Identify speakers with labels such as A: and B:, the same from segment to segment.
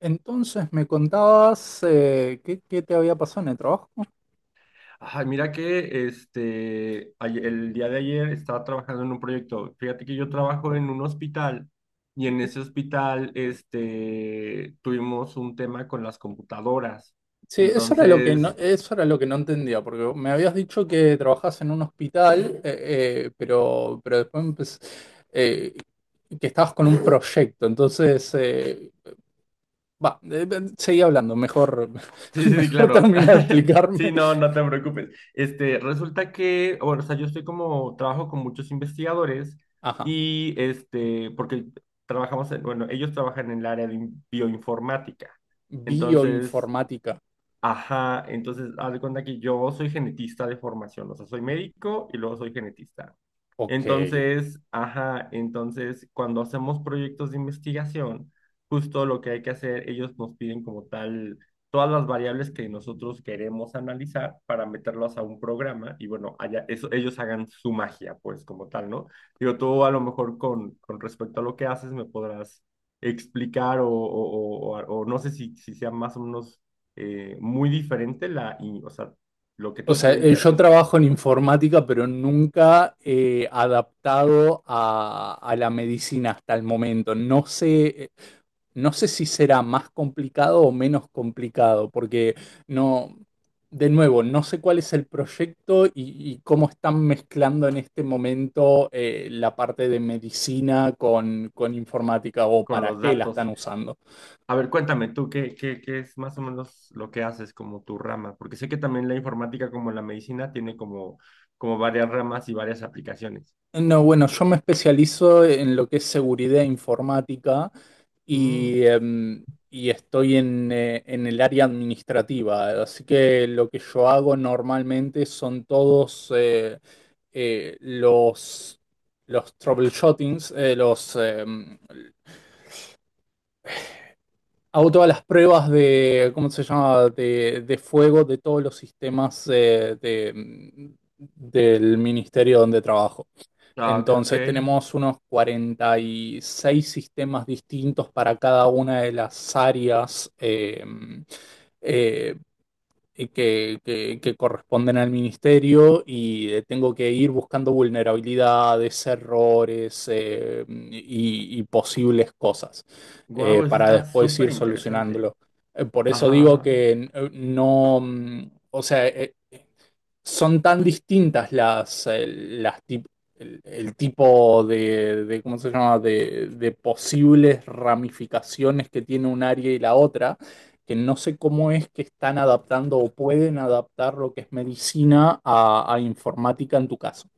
A: Entonces me contabas, qué, qué te había pasado en el trabajo.
B: Ay, mira que el día de ayer estaba trabajando en un proyecto. Fíjate que yo trabajo en un hospital y en ese hospital tuvimos un tema con las computadoras.
A: Sí,
B: Entonces,
A: eso era lo que no entendía, porque me habías dicho que trabajás en un hospital, pero, pero eh, que estabas con un proyecto. Entonces, va, seguí hablando, mejor,
B: sí, sí, sí,
A: mejor
B: claro.
A: termina de
B: Sí,
A: explicarme.
B: no, no te preocupes. Resulta que, bueno, o sea, yo estoy como, trabajo con muchos investigadores
A: Ajá,
B: y porque trabajamos bueno, ellos trabajan en el área de bioinformática. Entonces,
A: bioinformática.
B: ajá, entonces haz de cuenta que yo soy genetista de formación, o sea, soy médico y luego soy genetista.
A: Ok.
B: Entonces, ajá, entonces cuando hacemos proyectos de investigación, justo lo que hay que hacer, ellos nos piden como tal todas las variables que nosotros queremos analizar para meterlas a un programa y bueno, allá, eso, ellos hagan su magia, pues como tal, ¿no? Digo, tú a lo mejor con respecto a lo que haces me podrás explicar o no sé si sea más o menos muy diferente o sea, lo que
A: O
B: tú te
A: sea,
B: dedicas, que
A: yo
B: es
A: trabajo en informática, pero nunca adaptado a la medicina hasta el momento. No sé, no sé si será más complicado o menos complicado, porque no, de nuevo, no sé cuál es el proyecto y cómo están mezclando en este momento, la parte de medicina con informática o
B: con
A: para
B: los
A: qué la
B: datos.
A: están usando.
B: A ver, cuéntame tú, qué es más o menos lo que haces como tu rama? Porque sé que también la informática, como la medicina, tiene como varias ramas y varias aplicaciones.
A: No, bueno, yo me especializo en lo que es seguridad informática
B: Mm.
A: y, y estoy en el área administrativa. Así que lo que yo hago normalmente son todos, eh, los, los troubleshootings, hago todas las pruebas de, ¿cómo se llama?, de fuego de todos los sistemas, del ministerio donde trabajo.
B: Ah, ok, ok.
A: Entonces tenemos unos 46 sistemas distintos para cada una de las áreas, eh, y que corresponden al ministerio y, tengo que ir buscando vulnerabilidades, errores, y posibles cosas,
B: Guau, eso
A: para
B: está
A: después
B: súper
A: ir
B: interesante.
A: solucionándolo. Por eso
B: Ajá,
A: digo
B: ajá.
A: que, no, mm, o sea, son tan distintas las, el tipo de, ¿cómo se llama?, de posibles ramificaciones que tiene un área y la otra, que no sé cómo es que están adaptando o pueden adaptar lo que es medicina a informática en tu caso.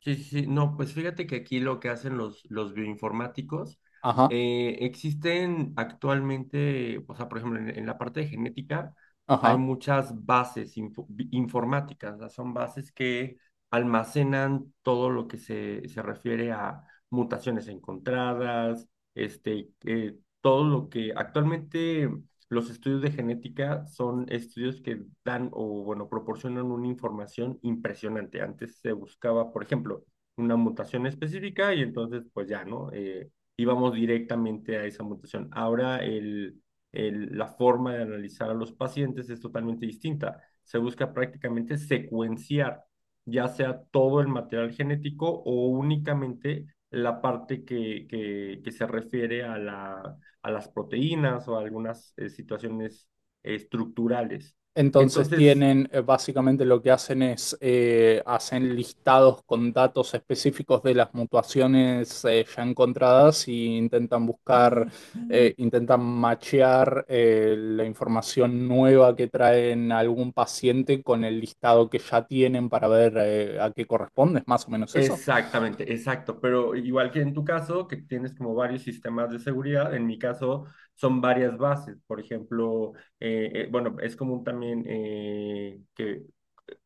B: Sí, sí, sí. No, pues fíjate que aquí lo que hacen los bioinformáticos,
A: Ajá,
B: existen actualmente, o sea, por ejemplo, en la parte de genética hay
A: ajá.
B: muchas bases informáticas, ¿no? Son bases que almacenan todo lo que se refiere a mutaciones encontradas, todo lo que actualmente los estudios de genética son estudios que dan o, bueno, proporcionan una información impresionante. Antes se buscaba, por ejemplo, una mutación específica y entonces, pues ya, ¿no? Íbamos directamente a esa mutación. Ahora la forma de analizar a los pacientes es totalmente distinta. Se busca prácticamente secuenciar ya sea todo el material genético o únicamente la parte que se refiere a la a las proteínas o a algunas situaciones estructurales.
A: Entonces
B: Entonces,
A: tienen, básicamente lo que hacen es, hacen listados con datos específicos de las mutuaciones, ya encontradas y intentan buscar, intentan machear, la información nueva que traen algún paciente con el listado que ya tienen para ver, a qué corresponde. ¿Es más o menos eso?
B: exactamente, exacto, pero igual que en tu caso, que tienes como varios sistemas de seguridad, en mi caso son varias bases, por ejemplo, bueno, es común también que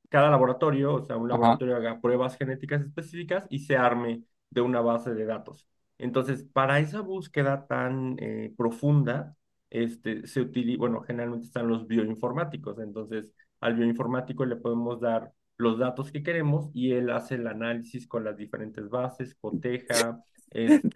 B: cada laboratorio, o sea, un
A: Ajá.
B: laboratorio haga pruebas genéticas específicas y se arme de una base de datos. Entonces, para esa búsqueda tan profunda, se utiliza, bueno, generalmente están los bioinformáticos. Entonces, al bioinformático le podemos dar los datos que queremos y él hace el análisis con las diferentes bases, coteja,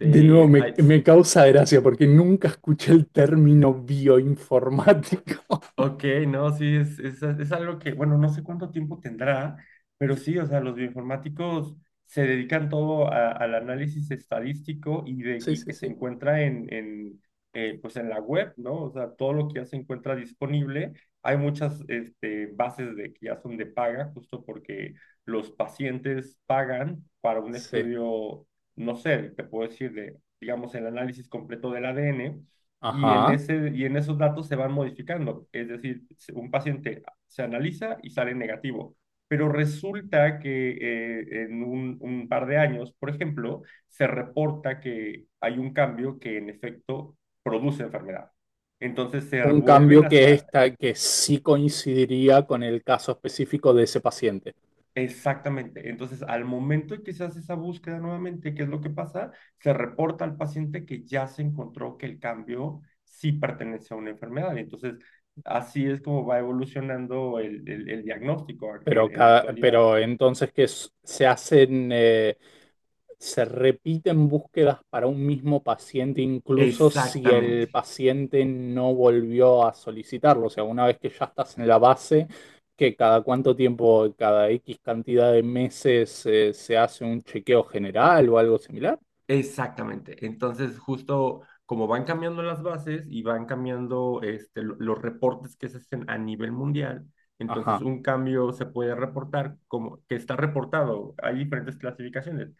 A: De nuevo, me,
B: hay,
A: me causa gracia porque nunca escuché el término bioinformático.
B: ok, no, sí, es algo que, bueno, no sé cuánto tiempo tendrá, pero sí, o sea, los bioinformáticos se dedican todo al análisis estadístico
A: Sí,
B: y
A: sí,
B: que se
A: sí.
B: encuentra pues en la web, ¿no? O sea, todo lo que ya se encuentra disponible. Hay muchas bases de, que ya son de paga, justo porque los pacientes pagan para un
A: Sí.
B: estudio, no sé, te puedo decir, de, digamos, el análisis completo del ADN
A: Ajá.
B: y en esos datos se van modificando. Es decir, un paciente se analiza y sale negativo. Pero resulta que un par de años, por ejemplo, se reporta que hay un cambio que en efecto produce enfermedad. Entonces se
A: Un
B: vuelven
A: cambio
B: a,
A: que está, que sí coincidiría con el caso específico de ese paciente.
B: exactamente. Entonces, al momento en que se hace esa búsqueda nuevamente, ¿qué es lo que pasa? Se reporta al paciente que ya se encontró que el cambio sí pertenece a una enfermedad. Entonces, así es como va evolucionando el diagnóstico
A: Pero,
B: en la actualidad.
A: pero entonces se hacen, se repiten búsquedas para un mismo paciente, incluso si el
B: Exactamente,
A: paciente no volvió a solicitarlo. O sea, una vez que ya estás en la base, que cada cuánto tiempo, cada X cantidad de meses, se hace un chequeo general o algo similar.
B: exactamente. Entonces, justo como van cambiando las bases y van cambiando los reportes que se hacen a nivel mundial, entonces
A: Ajá.
B: un cambio se puede reportar como que está reportado. Hay diferentes clasificaciones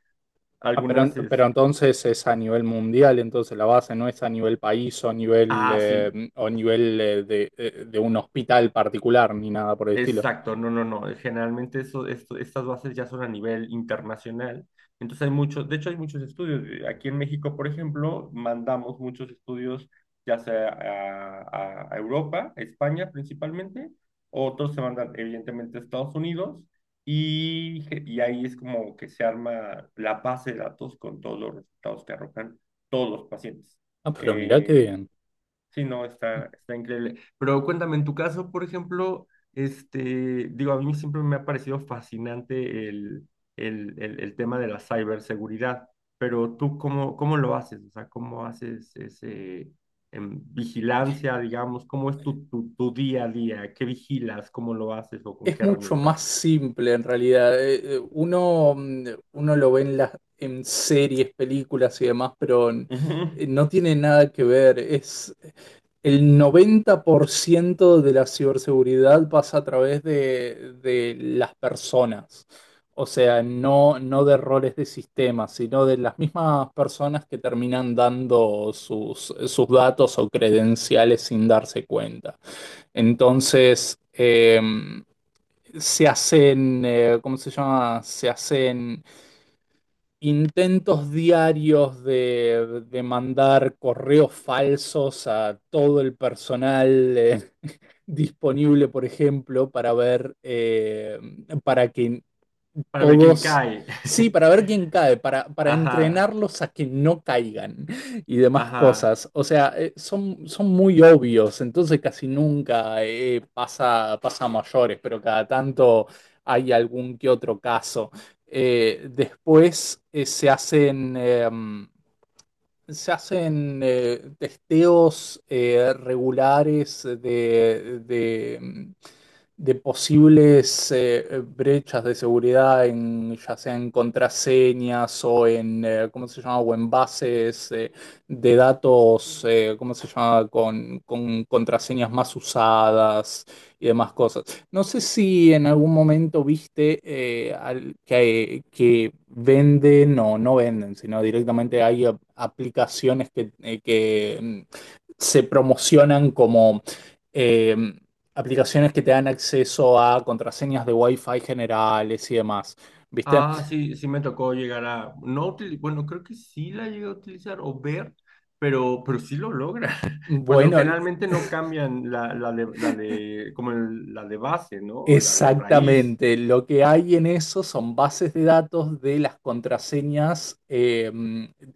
A: Ah, pero,
B: algunas
A: pero
B: es,
A: entonces es a nivel mundial, entonces la base no es a nivel país o a nivel,
B: ah, sí,
A: o nivel, de un hospital particular ni nada por el estilo.
B: exacto, no, no, no. Generalmente estas bases ya son a nivel internacional. Entonces hay muchos, de hecho hay muchos estudios. Aquí en México, por ejemplo, mandamos muchos estudios ya sea a Europa, a España principalmente, otros se mandan evidentemente a Estados Unidos y, y ahí es como que se arma la base de datos con todos los resultados que arrojan todos los pacientes.
A: Ah, pero mirá qué
B: Eh,
A: bien.
B: sí, no, está, está increíble. Pero cuéntame, en tu caso, por ejemplo, este, digo, a mí siempre me ha parecido fascinante el tema de la ciberseguridad, pero tú, ¿cómo, cómo lo haces? O sea, ¿cómo haces ese, em, vigilancia, digamos? ¿Cómo es tu día a día? ¿Qué vigilas? ¿Cómo lo haces o con
A: Es
B: qué
A: mucho más
B: herramientas?
A: simple en realidad. Uno lo ve en las, en series, películas y demás, pero
B: Ujú.
A: no tiene nada que ver. Es el 90% de la ciberseguridad, pasa a través de las personas. O sea, no, no de roles de sistemas, sino de las mismas personas que terminan dando sus, sus datos o credenciales sin darse cuenta. Entonces, se hacen, ¿cómo se llama? Se hacen intentos diarios de mandar correos falsos a todo el personal, disponible, por ejemplo, para ver, para que
B: Para ver quién
A: todos.
B: cae.
A: Sí, para ver quién cae, para
B: Ajá,
A: entrenarlos a que no caigan y demás
B: ajá.
A: cosas. O sea, son, son muy obvios, entonces casi nunca, pasa, pasa a mayores, pero cada tanto hay algún que otro caso. Después se hacen... se hacen, testeos, regulares de, de posibles, brechas de seguridad, en ya sea en contraseñas o en, ¿cómo se llama? O en bases, de datos, ¿cómo se llama? Con contraseñas más usadas y demás cosas. No sé si en algún momento viste, que venden o no venden, sino directamente hay aplicaciones que, mm, se promocionan como, eh, aplicaciones que te dan acceso a contraseñas de Wi-Fi generales y demás. ¿Viste?
B: Ah, sí, sí me tocó llegar a, no utili- bueno, creo que sí la llegué a utilizar o ver, pero sí lo logra. Cuando
A: Bueno,
B: generalmente no cambian la de, como la de base, ¿no? La de raíz.
A: exactamente, lo que hay en eso son bases de datos de las contraseñas,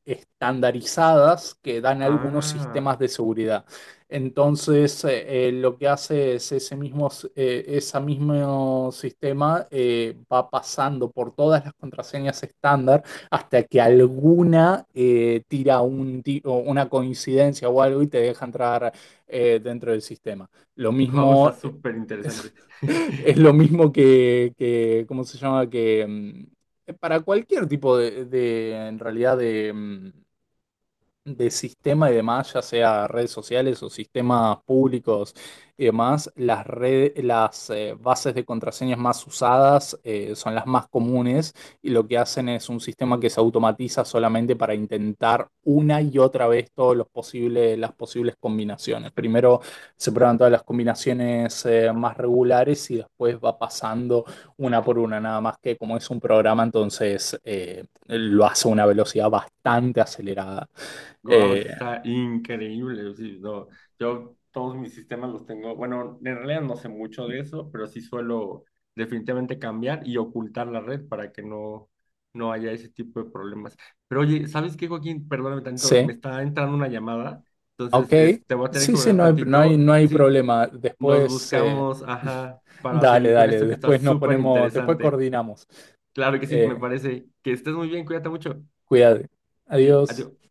A: estandarizadas que dan algunos
B: Ah,
A: sistemas de seguridad. Entonces, lo que hace es ese mismo, esa mismo sistema, va pasando por todas las contraseñas estándar hasta que alguna, tira un, o una coincidencia o algo y te deja entrar, dentro del sistema. Lo
B: wow, está
A: mismo...
B: súper interesante.
A: Es lo mismo que, ¿cómo se llama? Que mm, para cualquier tipo de, en realidad, de, mm, de sistema y demás, ya sea redes sociales o sistemas públicos y demás, las, bases de contraseñas más usadas, son las más comunes y lo que hacen es un sistema que se automatiza solamente para intentar una y otra vez todos los posibles, las posibles combinaciones. Primero se prueban todas las combinaciones, más regulares y después va pasando una por una, nada más que como es un programa, entonces, lo hace a una velocidad bastante acelerada.
B: Guau,
A: Eh,
B: eso está increíble. O sí, no, yo todos mis sistemas los tengo. Bueno, en realidad no sé mucho de eso, pero sí suelo definitivamente cambiar y ocultar la red para que no, no haya ese tipo de problemas. Pero oye, ¿sabes qué, Joaquín? Perdóname tantito,
A: sí,
B: me está entrando una llamada, entonces
A: ok.
B: te voy a tener
A: Sí,
B: que
A: sí,
B: hablar
A: no hay, no hay,
B: tantito.
A: no hay
B: Sí,
A: problema.
B: nos
A: Después,
B: buscamos, ajá, para
A: dale,
B: seguir con
A: dale.
B: esto que está
A: Después nos
B: súper
A: ponemos, después
B: interesante.
A: coordinamos.
B: Claro que sí, me
A: Eh,
B: parece que estés muy bien, cuídate mucho.
A: cuídate.
B: Sí,
A: Adiós.
B: adiós.